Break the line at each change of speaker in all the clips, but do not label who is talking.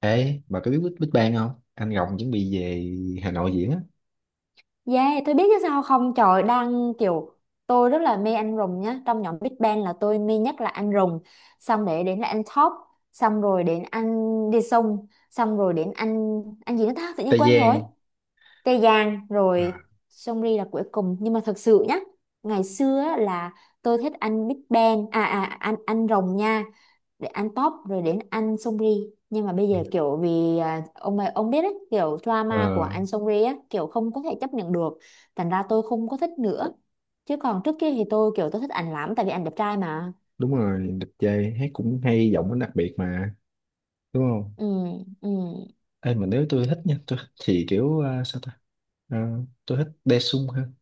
Ê, bà có biết Big Big Bang không? Anh Rồng chuẩn bị về Hà Nội diễn á.
Yeah, tôi biết chứ sao không trời đang kiểu tôi rất là mê anh rùng nhá. Trong nhóm Big Bang là tôi mê nhất là anh rùng, xong để đến là anh Top, xong rồi đến anh Đi Sung, xong rồi đến anh gì nữa ta, tự nhiên
Tây
quên rồi.
Giang.
Tê Giang
À,
rồi Seungri là cuối cùng. Nhưng mà thật sự nhá, ngày xưa á là tôi thích anh Big Bang, anh rồng nha, để ăn top rồi đến ăn Songri. Nhưng mà bây giờ kiểu vì ông ấy- ông biết đấy kiểu drama của
Ờ,
anh Songri á, kiểu không có thể chấp nhận được, thành ra tôi không có thích nữa. Chứ còn trước kia thì tôi kiểu tôi thích ảnh lắm, tại vì ảnh đẹp trai mà.
đúng rồi, đẹp trai, hát cũng hay, giọng nó đặc biệt mà, đúng không?
Ừ. Ừ.
Ê, mà nếu tôi thích nha, tôi thì kiểu, Ờ, tôi thích Daesung hơn.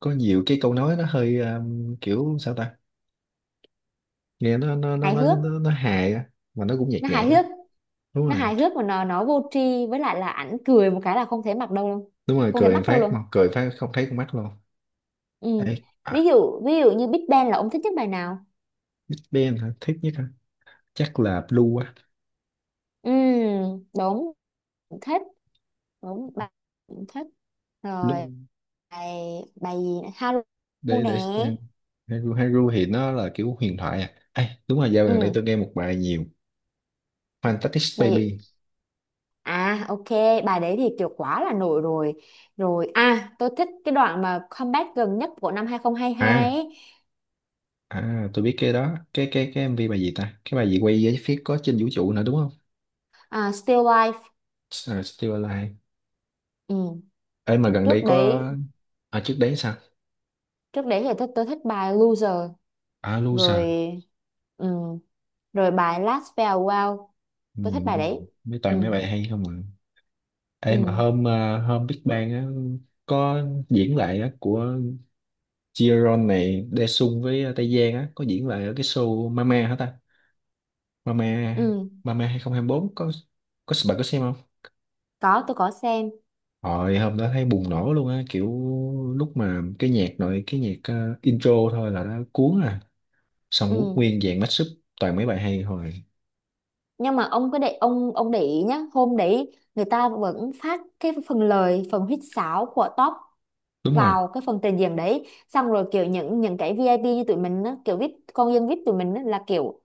Có nhiều cái câu nói nó hơi kiểu, sao ta? Nghe
Hài hước.
nó hài á, mà nó cũng nhạt
Nó hài
nhạt á.
hước.
Đúng
Nó
rồi,
hài hước mà nó vô tri. Với lại là ảnh cười một cái là không thể mặc đâu luôn.
đúng rồi,
Không thể
cười một
mắc đâu
phát mà,
luôn.
cười một phát không thấy con mắt luôn.
Ừ.
Ê,
ví
à,
dụ ví dụ như Big Bang là ông thích nhất bài nào?
Big Bang hả? Thích nhất hả? Chắc là Blue á.
Ừ, đúng, thích, đúng bà, cũng thích rồi.
Blue.
Bài bài gì nữa? Haru
để
nè.
để xem. Haru Haru thì nó là kiểu huyền thoại à. Ê, đúng rồi, dạo gần đây
Ừ.
tôi nghe một bài nhiều. Fantastic
Bài
Baby.
gì? Ok bài đấy thì kiểu quá là nổi rồi. Rồi, tôi thích cái đoạn mà comeback gần nhất của năm 2022
À,
ấy.
à, tôi biết cái đó, cái MV bài gì ta, cái bài gì quay với phía có trên vũ trụ nữa, đúng không?
À, Still Life.
À, Still Alive.
Ừ.
Ê, mà gần đây
trước
có,
đấy
à trước đấy sao?
trước đấy thì tôi thích bài Loser
À,
rồi.
Loser.
Ừ. Rồi bài Last Farewell,
Ừ.
tôi thích bài đấy.
Mấy
Ừ.
toàn mấy bài hay không ạ? Ê, mà
Ừ.
hôm Big Bang á, có diễn lại á, của Jiron này, Daesung với Tây Giang á, có diễn lại ở cái show Mama hả ta. Mama.
Ừ.
Mama 2024 có bạn có xem không?
Có, tôi có xem.
Hồi hôm đó thấy bùng nổ luôn á, kiểu lúc mà cái nhạc nội cái nhạc intro thôi là nó cuốn à. Xong quốc
Ừ.
nguyên dàn mashup toàn mấy bài hay hồi.
Nhưng mà ông cứ để ông để ý nhá, hôm đấy người ta vẫn phát cái phần lời phần huýt sáo của top
Đúng rồi.
vào cái phần trình diễn đấy, xong rồi kiểu những cái VIP như tụi mình á, kiểu VIP con dân VIP tụi mình á, là kiểu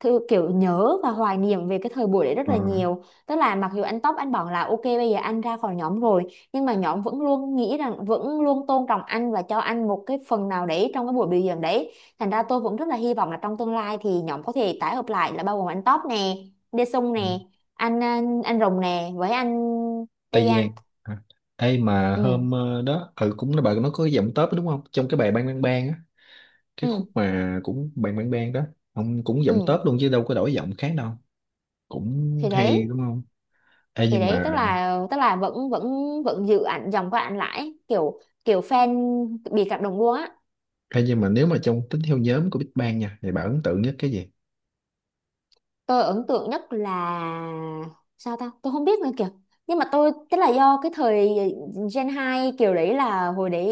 thư kiểu nhớ và hoài niệm về cái thời buổi đấy rất
Ờ.
là nhiều. Tức là mặc dù anh Tóc anh bảo là ok bây giờ anh ra khỏi nhóm rồi, nhưng mà nhóm vẫn luôn nghĩ rằng, vẫn luôn tôn trọng anh và cho anh một cái phần nào đấy trong cái buổi biểu diễn đấy. Thành ra tôi vẫn rất là hy vọng là trong tương lai thì nhóm có thể tái hợp lại là bao gồm anh Tóc nè, Đê Sung nè, anh Rồng nè với anh Tây
Tây
Giang.
Giang. À. Ê mà
Ừ.
đó ừ, cũng là bà nó có cái giọng tớp đúng không? Trong cái bài Bang Bang Bang á, cái
Ừ.
khúc mà cũng Bang Bang Bang đó, ông cũng giọng
Ừ.
tớp luôn chứ đâu có đổi giọng khác đâu. Cũng
thì
hay
đấy
đúng không? Ê
thì
nhưng
đấy
mà
tức là vẫn vẫn vẫn giữ ảnh dòng của ảnh lại, kiểu kiểu fan bị cảm động luôn á.
Nhưng mà nếu mà trong tính theo nhóm của Big Bang nha thì bà ấn tượng nhất cái gì.
Tôi ấn tượng nhất là, sao ta, tôi không biết nữa kìa. Nhưng mà tôi, tức là do cái thời Gen 2 kiểu đấy, là hồi đấy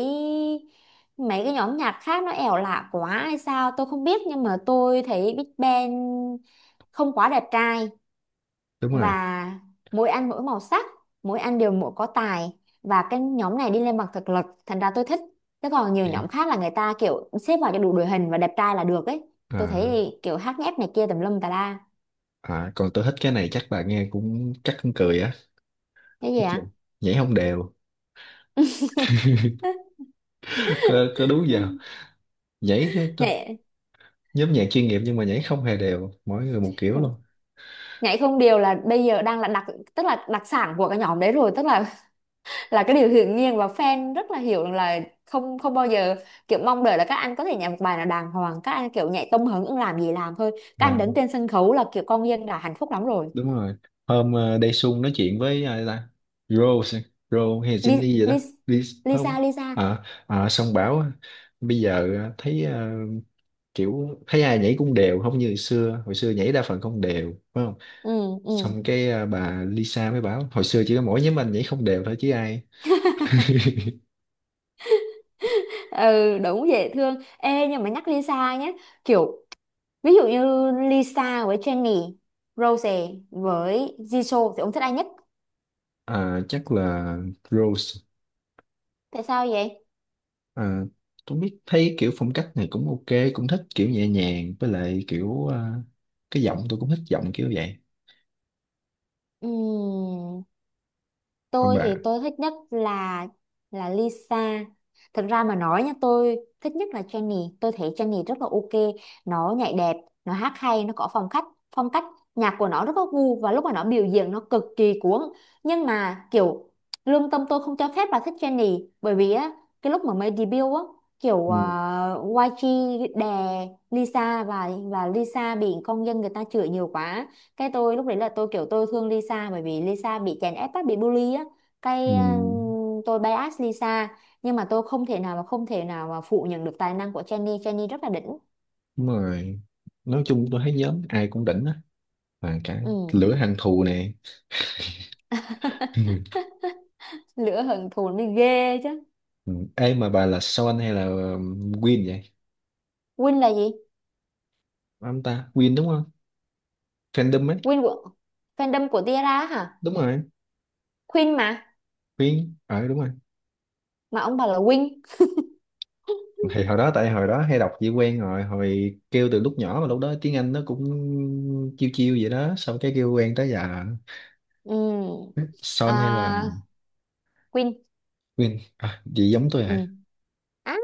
mấy cái nhóm nhạc khác nó ẻo lạ quá hay sao tôi không biết, nhưng mà tôi thấy Big Bang không quá đẹp trai,
Đúng rồi.
và mỗi anh mỗi màu sắc, mỗi anh đều mỗi có tài, và cái nhóm này đi lên bằng thực lực, thành ra tôi thích. Thế còn nhiều
Dạ.
nhóm khác là người ta kiểu xếp vào cho đủ đội hình và đẹp trai là được ấy. Tôi
à,
thấy kiểu hát nhép này kia tùm lum tà la.
à, còn tôi thích cái này, chắc bà nghe cũng chắc cũng cười á.
Cái gì
Cái gì?
ạ?
Nhảy không đều. Có đúng giờ, nhảy cái
Nghệ.
nhóm nhạc chuyên nghiệp nhưng mà nhảy không hề đều, mỗi người một kiểu luôn.
Nhảy không điều là bây giờ đang là đặc, tức là đặc sản của cái nhóm đấy rồi. Tức là là cái điều hiển nhiên và fan rất là hiểu là không không bao giờ kiểu mong đợi là các anh có thể nhảy một bài nào đàng hoàng. Các anh kiểu nhảy tông hứng ưng làm gì làm thôi. Các
À,
anh đứng trên sân khấu là kiểu con dân đã hạnh phúc lắm rồi.
đúng rồi. Hôm Daesung nói chuyện với ai ta. Rose. Rose hay
Li,
Jenny gì đó.
Li,
Đi. Không.
Lisa Lisa
À, à, xong bảo bây giờ kiểu thấy ai nhảy cũng đều không như hồi xưa, hồi xưa nhảy đa phần không đều phải không.
Ừ. Ừ.
Xong cái à, bà Lisa mới bảo hồi xưa chỉ có mỗi nhóm anh nhảy không đều thôi chứ ai.
Ừ, đúng, dễ thương. Ê, nhưng mà nhắc Lisa nhé, kiểu ví dụ như Lisa với Jennie, Rose với Jisoo thì ông thích ai nhất?
À, chắc là Rose.
Tại sao vậy?
À, tôi biết thấy kiểu phong cách này cũng ok, cũng thích kiểu nhẹ nhàng, với lại kiểu à, cái giọng tôi cũng thích giọng kiểu vậy.
Ừm,
Còn
tôi
bà.
thì tôi thích nhất là Lisa. Thực ra mà nói nha, tôi thích nhất là Jennie. Tôi thấy Jennie rất là ok. Nó nhảy đẹp, nó hát hay, nó có phong cách. Phong cách nhạc của nó rất có gu và lúc mà nó biểu diễn nó cực kỳ cuốn. Nhưng mà kiểu lương tâm tôi không cho phép bà thích Jennie, bởi vì á cái lúc mà mới debut á kiểu
Ừ.
YG đè Lisa và Lisa bị công dân người ta chửi nhiều quá. Cái tôi lúc đấy là tôi kiểu tôi thương Lisa, bởi vì Lisa bị chèn ép á, bị bully á.
Ừ.
Cái tôi bias Lisa. Nhưng mà tôi không thể nào mà phủ nhận được tài năng của Jennie. Jennie rất là đỉnh.
Đúng rồi, nói chung tôi thấy nhóm ai cũng đỉnh á, và cả
Ừ.
lửa hận thù nè. Ừ.
Lửa hận thù mới ghê chứ.
Ừ. Ê mà bà là Son hay là Win vậy?
Win là gì?
Ông ta Win đúng không? Fandom ấy.
Win của fandom của Tiara hả?
Đúng rồi.
Queen mà
Win. Ờ đúng rồi.
mà ông bảo là Win.
Thì hồi đó tại hồi đó hay đọc chỉ quen rồi, hồi kêu từ lúc nhỏ mà lúc đó tiếng Anh nó cũng chiêu chiêu vậy đó, xong cái kêu quen tới giờ.
Ừ.
Son hay là
À, Queen.
Win, à, gì giống tôi
Ừ.
hả.
Á,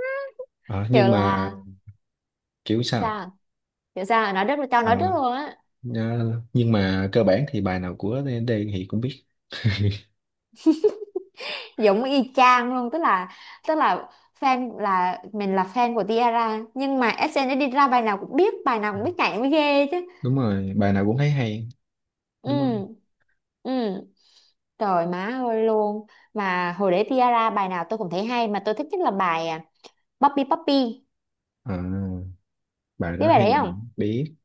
Ờ,
kiểu
nhưng mà
là
kiểu sao.
sao, kiểu sao, nói rất tao
Ờ,
nói rất luôn á.
nhưng mà cơ bản thì bài nào của D thì cũng biết.
Giống y chang luôn, tức là tức là fan là mình, là fan của Tiara, nhưng mà SNSD ra bài nào cũng biết, bài nào cũng biết nhảy mới ghê chứ.
Đúng rồi, bài nào cũng thấy hay, đúng không?
Ừ. Ừ. Trời má ơi luôn. Mà hồi để Tiara bài nào tôi cũng thấy hay, mà tôi thích nhất là bài Puppy Puppy.
À, bài
Biết
đó
bài
hay.
đấy không?
Biết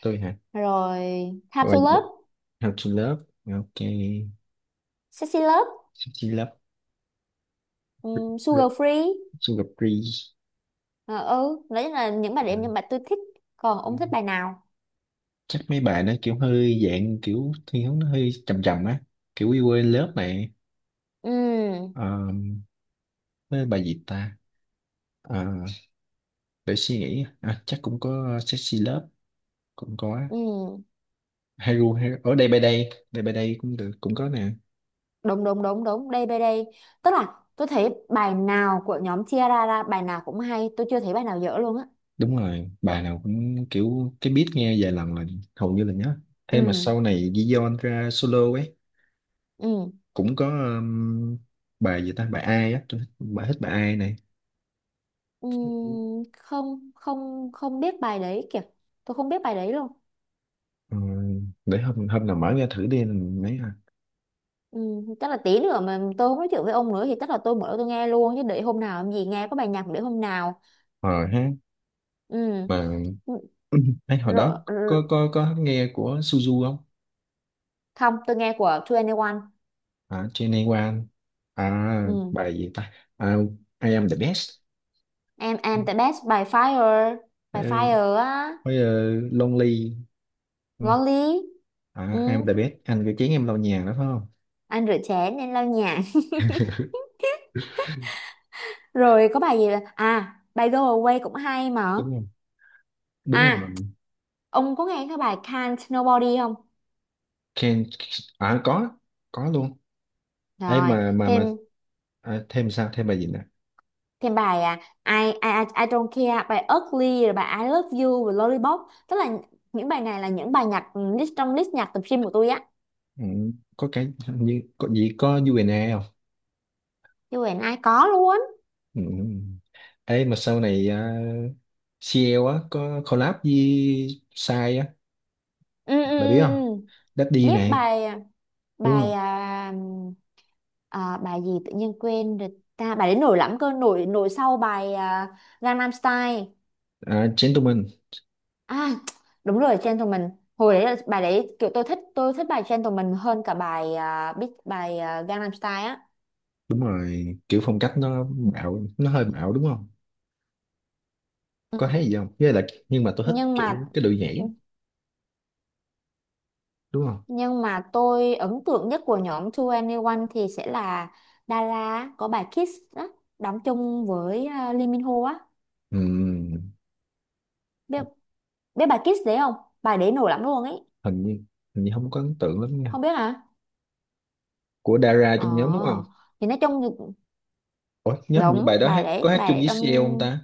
tôi hả?
Rồi Time
Bài
to Love,
How to Love. Ok.
Sexy Love,
Sexy Love.
Sugar Free.
Sugar Free.
Ờ, ừ, đấy là những bài đấy, những bài tôi thích. Còn ông thích bài nào?
Chắc mấy bài nó kiểu hơi dạng kiểu thiên hướng nó hơi trầm trầm á, kiểu We Were in Love này.
Ừ.
Ờ, với bài gì ta. Ờ, để suy nghĩ, à, chắc cũng có Sexy Love, cũng có
Ừ.
Hero, Hero ở đây by đây, đây by đây cũng được, cũng có nè.
Đúng, đúng, đúng, đúng, đây, đây, đây. Tức là tôi thấy bài nào của nhóm Tiara ra bài nào cũng hay, tôi chưa thấy bài nào dở luôn á.
Đúng rồi, bài nào cũng kiểu cái beat nghe vài lần là hầu như là nhớ.
Ừ.
Thế mà sau này Giyon ra solo ấy,
Ừ.
cũng có bài gì ta, bài ai á tôi thích bài ai này.
Không không không biết bài đấy kìa, tôi không biết bài đấy luôn.
Ờ, để hôm hôm nào mở ra thử đi mấy.
Chắc là tí nữa mà tôi không nói chuyện với ông nữa thì chắc là tôi mở tôi nghe luôn chứ, để hôm nào làm gì nghe có bài nhạc, để hôm nào.
Ờ ha.
Ừm,
Mà ấy, hồi
rồi,
đó có nghe của Suzu không.
không tôi nghe của 2NE1.
À Genewan. À
Ừm,
bài gì ta. À, I am the best.
em the best, by fire
Ờ,
by fire á,
với ờ, Lonely, đúng
ngon
không?
lý.
À I am
Ừm,
the best, anh cái chén em lau nhà đó phải không.
anh rửa chén nên lau nhà. Rồi có bài gì là bài go away cũng hay mà.
Đúng không? Đúng
à
rồi.
ông có nghe cái bài can't nobody không?
Can. À có luôn. ấy
Rồi,
mà mà mà
thêm.
À, thêm sao, thêm bài gì nè.
Thêm bài I don't care, bài Ugly rồi bài I love you rồi Lollipop. Tức là những bài này là những bài nhạc list trong list nhạc tập gym của tôi á.
Ừ, có cái hình như có gì có UNA không.
Chứ Huyền ai có luôn.
Ừ. Ấy mà sau này à, CL á có collab với Sai á,
Ừ, ừ, ừ.
bà biết không.
Ừ.
Daddy
Biết
này,
bài
đúng
bài
không.
à, bài gì tự nhiên quên rồi ta? Bài đấy nổi lắm cơ, nổi nổi sau bài Gangnam Style.
À, Gentleman.
À, đúng rồi, Gentleman. Hồi đấy là bài đấy kiểu tôi thích bài Gentleman hơn cả bài biết bài Gangnam Style á.
Đúng rồi, kiểu phong cách nó bạo, nó hơi bạo đúng không.
Ừ.
Có thấy gì không, với lại nhưng mà tôi thích
nhưng
kiểu
mà
cái đội nhảy á, đúng không.
Nhưng mà tôi ấn tượng nhất của nhóm 2NE1 thì sẽ là Dara có bài Kiss á, đóng chung với Lee Min Ho á.
Ừm,
Biết, biết bà Kiss đấy không? Bài đấy nổi lắm luôn ấy.
hình như hình như không có ấn tượng lắm nha,
Không biết hả?
của Dara
Ờ.
trong nhóm đúng không.
Thì nói chung thì-
Ủa nhớ hình như bài
đúng
đó hát có hát
bài
chung
đấy
với
trong.
CL không ta.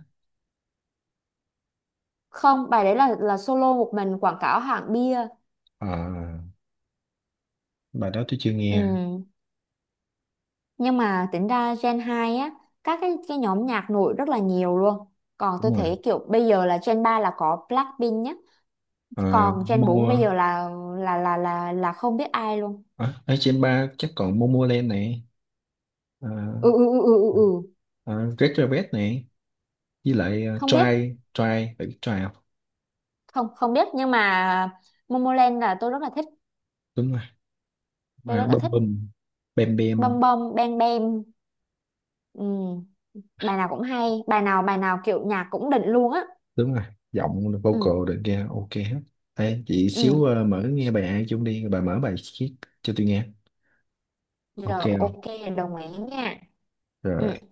Không, bài đấy là solo một mình quảng cáo hãng bia.
À, bài đó tôi chưa nghe.
Ừ. Nhưng mà tính ra Gen 2 á, các cái nhóm nhạc nổi rất là nhiều luôn. Còn tôi
Đúng rồi.
thấy kiểu bây giờ là Gen 3 là có Blackpink nhá.
À,
Còn Gen 4 bây
Mo.
giờ là là không biết ai luôn.
À, ở trên ba chắc còn Momoland này. À,
Ừ, ừ, ừ, ừ, ừ, ừ.
à, Red Velvet này, với lại à,
Không biết,
Try. Try, phải biết Try không.
không không biết, nhưng mà Momoland là tôi rất là thích
Đúng rồi.
tôi
À,
rất là
Bum
thích
Bum, bem,
bom
Bam.
bom bang bang. Ừ. Bài nào cũng hay, bài nào kiểu nhạc cũng đỉnh luôn á.
Đúng rồi, giọng
Ừ.
vocal được kia ok hết. Ê, chị xíu
Ừ.
à, mở nghe bài ai chung đi, bà mở bài chiếc cho tôi nghe.
Rồi
Ok không?
ok. Đồng ý nha. Ừ.
Rồi.